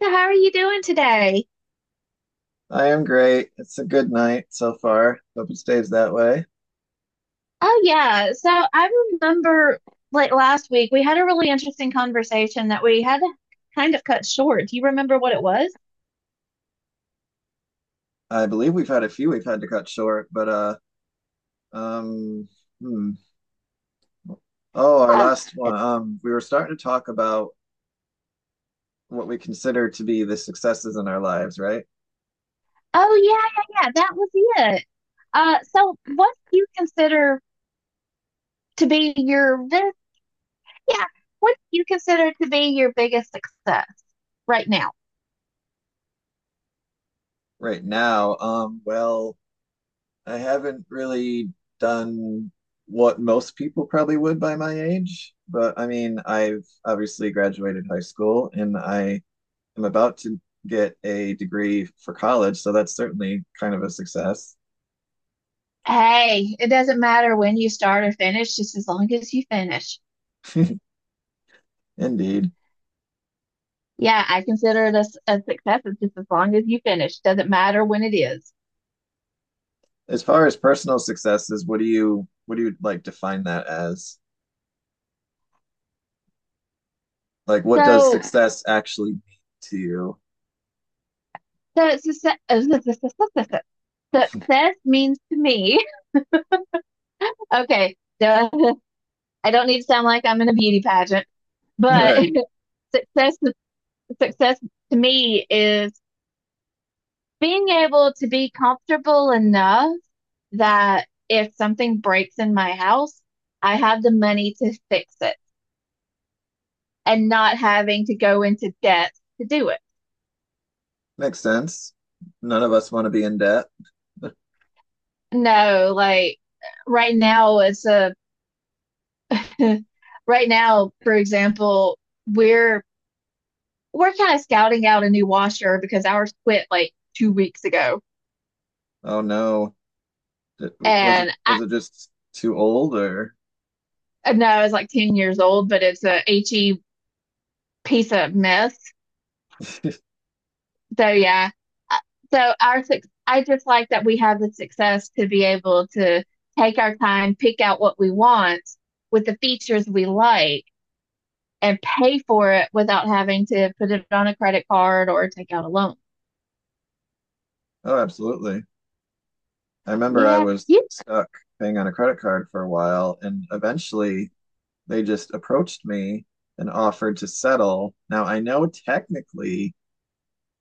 So how are you doing today? I am great. It's a good night so far. Hope it stays that way. Oh yeah. So I remember like last week we had a really interesting conversation that we had to kind of cut short. Do you remember what it was? I believe we've had a few we've had to cut short, but um hmm. Oh, our Huh. last one. It's- We were starting to talk about what we consider to be the successes in our lives, right? Oh yeah, yeah, yeah. That was it. So what do you consider to be yeah, what do you consider to be your biggest success right now? Right now. Well, I haven't really done what most people probably would by my age, but I've obviously graduated high school and I am about to get a degree for college, so that's certainly kind of a success. Hey, it doesn't matter when you start or finish, just as long as you finish. Indeed. Yeah, I consider it a success. It's just as long as you finish. Doesn't matter when it is. As far as personal successes, what do you like define that as? Like what does So, success actually mean to you? so it's a, se- uh, su- su- su- su- Success means to me. Okay, so I don't need to sound like I'm in a beauty pageant, but Right. success success to me is being able to be comfortable enough that if something breaks in my house, I have the money to fix it and not having to go into debt to do it. Makes sense. None of us want to be in debt. No, like right now it's a right now, for example, we're we're kind of scouting out a new washer because ours quit like 2 weeks ago. Oh no. Was it And I was it just too old or I know I was like 10 years old, but it's a HE piece of mess. So yeah. Uh, I just like that we have the success to be able to take our time, pick out what we want with the features we like and pay for it without having to put it on a credit card or take out a loan. Oh, absolutely. I remember I Yeah, was you stuck paying on a credit card for a while, and eventually they just approached me and offered to settle. Now, I know technically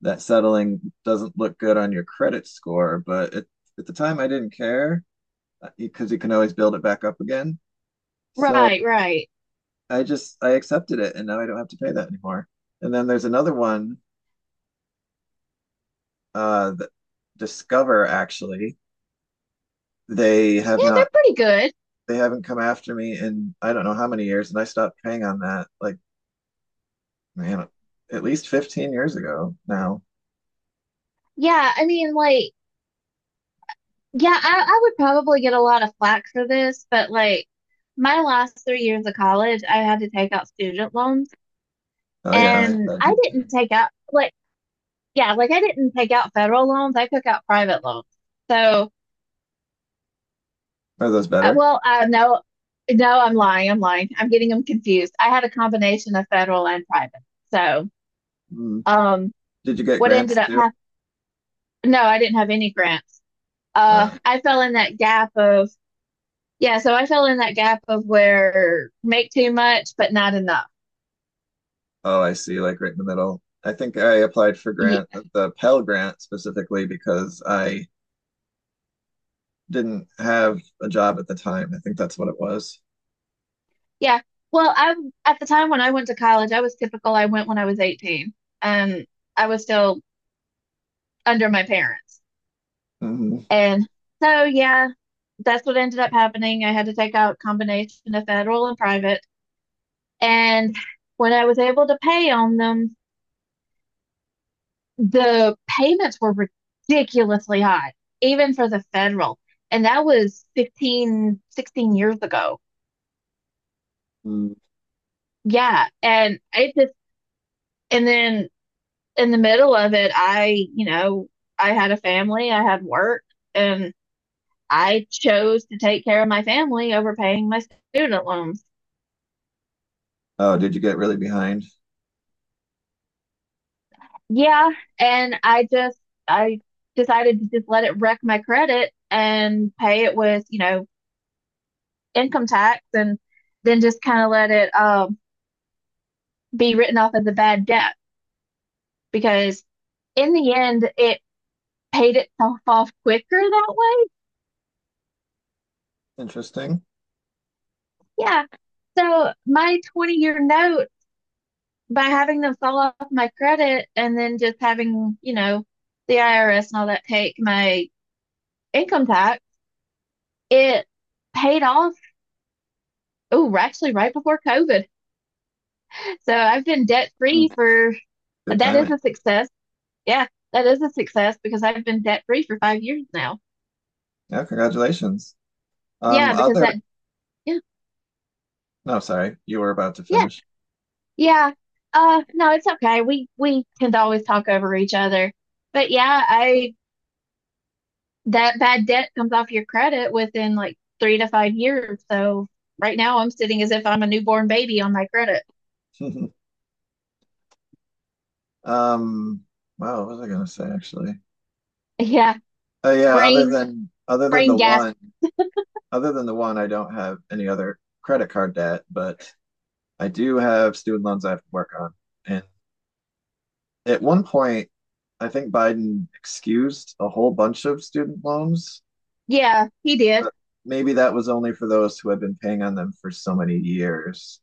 that settling doesn't look good on your credit score, but at the time I didn't care because you can always build it back up again. So right, right. I accepted it, and now I don't have to pay that anymore. And then there's another one that Discover actually they have Yeah, not they're pretty good. they haven't come after me in I don't know how many years, and I stopped paying on that like man at least 15 years ago now. Yeah, I mean, like, yeah, I would probably get a lot of flack for this, but like my last 3 years of college, I had to take out student loans Oh yeah, I and thought I you didn't too. take out like yeah, like I didn't take out federal loans. I took out private loans. So, Are those better? well, no, no, I'm lying. I'm lying. I'm getting them confused. I had a combination of federal and private. So Mm. Um, Did you get what grants ended up too? happening? No, I didn't have any grants. Uh, I fell in that gap of, yeah, so I fell in that gap of where make too much, but not enough. oh, I see. Like right in the middle. I think I applied for Ye- grant the Pell Grant specifically because I didn't have a job at the time. I think that's what it was. Yeah. Well, I at the time when I went to college, I was typical. I went when I was 18. Um, I was still under my parents. Mm-hmm. And so, yeah, that's what ended up happening. I had to take out a combination of federal and private. And when I was able to pay on them, the payments were ridiculously high, even for the federal. And that was 15, 16 years ago. Hmm. Yeah. And then in the middle of it, I had a family, I had work, and I chose to take care of my family over paying my student loans. Oh, did you get really behind? Yeah. And I decided to just let it wreck my credit and pay it with income tax and then just kind of let it be written off as a bad debt because in the end it paid itself off quicker that way. Interesting. Yeah. So my 20-year note by having, them sell off my credit and then just having the IRS and all that take my income tax, it paid off. Oh, actually, right before COVID. So I've been debt free Mm. for Good that is timing. a success. Yeah, that is a success because I've been debt free for 5 years now. Yeah, congratulations. Yeah, because Other. that, yeah, No, sorry, you were about to yeah, finish. Yeah. No, it's okay. We tend to always talk over each other. But yeah, I that bad debt comes off your credit within like 3 to 5 years. So right now I'm sitting as if I'm a newborn baby on my credit. Um, wow, what was I gonna say actually? Yeah. Yeah, Brain brain gas. Other than the one, I don't have any other credit card debt, but I do have student loans I have to work on. And at one point, I think Biden excused a whole bunch of student loans, Yeah, he did. but maybe that was only for those who have been paying on them for so many years.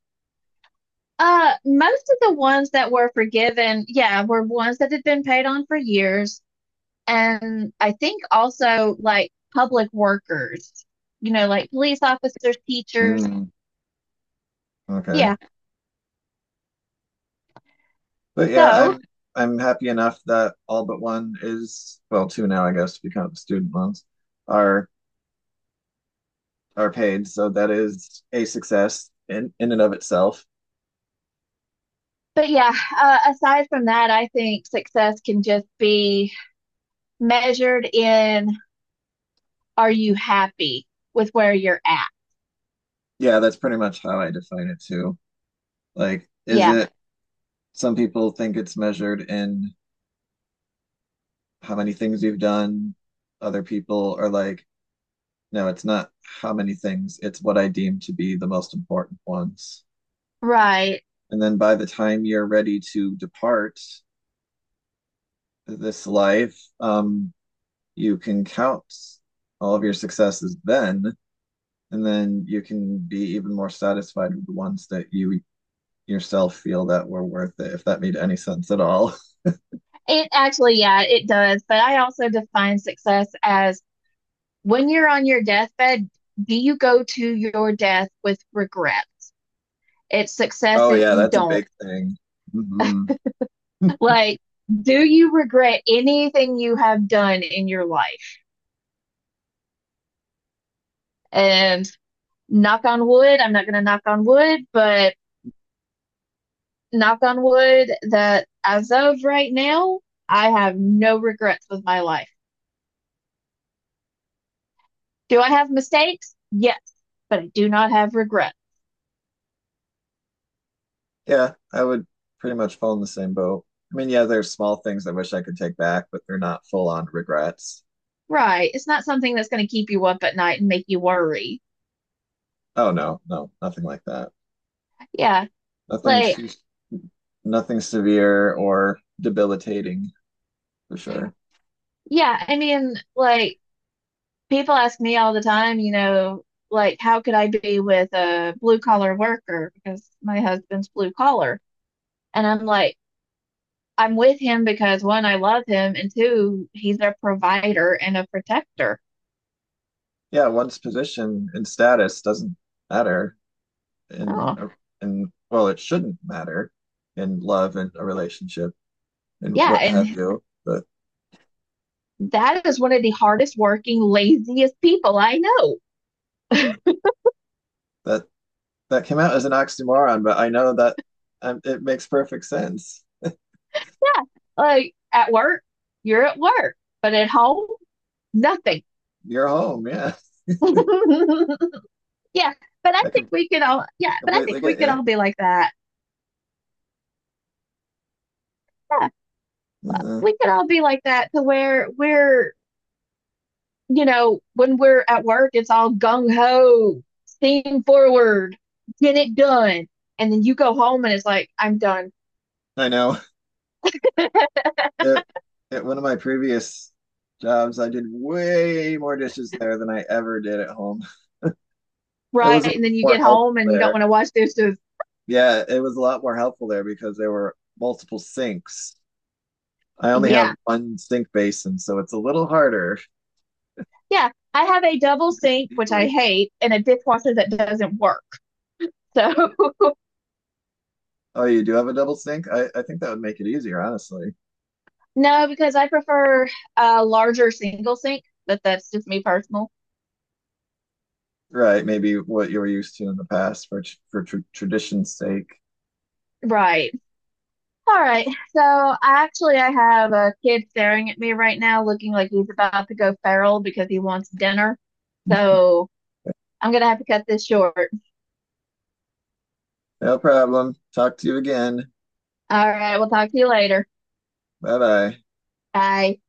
Most of the ones that were forgiven, yeah, were ones that had been paid on for years. And I think also like public workers, you know, like police officers, teachers. Mm, okay. Yeah. But yeah, So I'm happy enough that all but one is, well, two now, I guess, because you the student loans, are are paid. So that is a success in and of itself. but yeah, aside from that, I think success can just be measured in are you happy with where you're at? Yeah, that's pretty much how I define it too. Like, is Yeah, it some people think it's measured in how many things you've done? Other people are like, no, it's not how many things, it's what I deem to be the most important ones. right. And then by the time you're ready to depart this life, you can count all of your successes then, and then you can be even more satisfied with the ones that you yourself feel that were worth it, if that made any sense at all. It actually, yeah, it does. But I also define success as when you're on your deathbed, do you go to your death with regret? It's success Oh, if yeah, you that's a don't. big thing. Hmm. Like, do you regret anything you have done in your life? And knock on wood, I'm not going to knock on wood, but knock on wood, that as of right now, I have no regrets with my life. Do I have mistakes? Yes, but I do not have regrets. Yeah, I would pretty much fall in the same boat. Yeah, there's small things I wish I could take back, but they're not full on regrets. Right. It's not something that's going to keep you up at night and make you worry. Oh, no, no, nothing like that. Yeah. Nothing Like, too, Nothing severe or debilitating for sure. yeah, I mean, like, people ask me all the time, you know, like, how could I be with a blue collar worker? Because my husband's blue collar. And I'm like, I'm with him because one, I love him, and two, he's a provider and a protector. Yeah, one's position and status doesn't matter in, Oh, a- in, well, it shouldn't matter in love and a relationship and yeah, what and have you, but that is one of the hardest working, laziest people I know. that that came out as an oxymoron, but I know that it makes perfect sense. Yeah, like at work, you're at work, but at home, nothing. You're home, yeah. Yeah, but I I think com completely we get can you. all be like that. Yeah, Uh, we can all be like that to where we're, you know, when we're at work, it's all gung ho, steam forward, get it done. And then you go home and it's like, I'm done, I know. It, at one of my previous jobs, I did way more dishes there than I ever did at home. It right? was a And lot then you more get helpful home and you don't there. want to watch this. Yeah, it was a lot more helpful there because there were multiple sinks. I only have Yeah. one sink basin, so it's a little harder. Yeah, I have a double Just sink, which I easily. hate, and a dishwasher that doesn't work. So Oh, you do have a double sink? I think that would make it easier, honestly. no, because I prefer a larger single sink, but that's just me personal. Right, maybe what you were used to in the past for tradition's sake. Right. All right. So I actually I have a kid staring at me right now looking like he's about to go feral because he wants dinner. So I'm gonna have to cut this short. No problem. Talk to you again. All right, we'll talk to you later. Bye bye. Bye.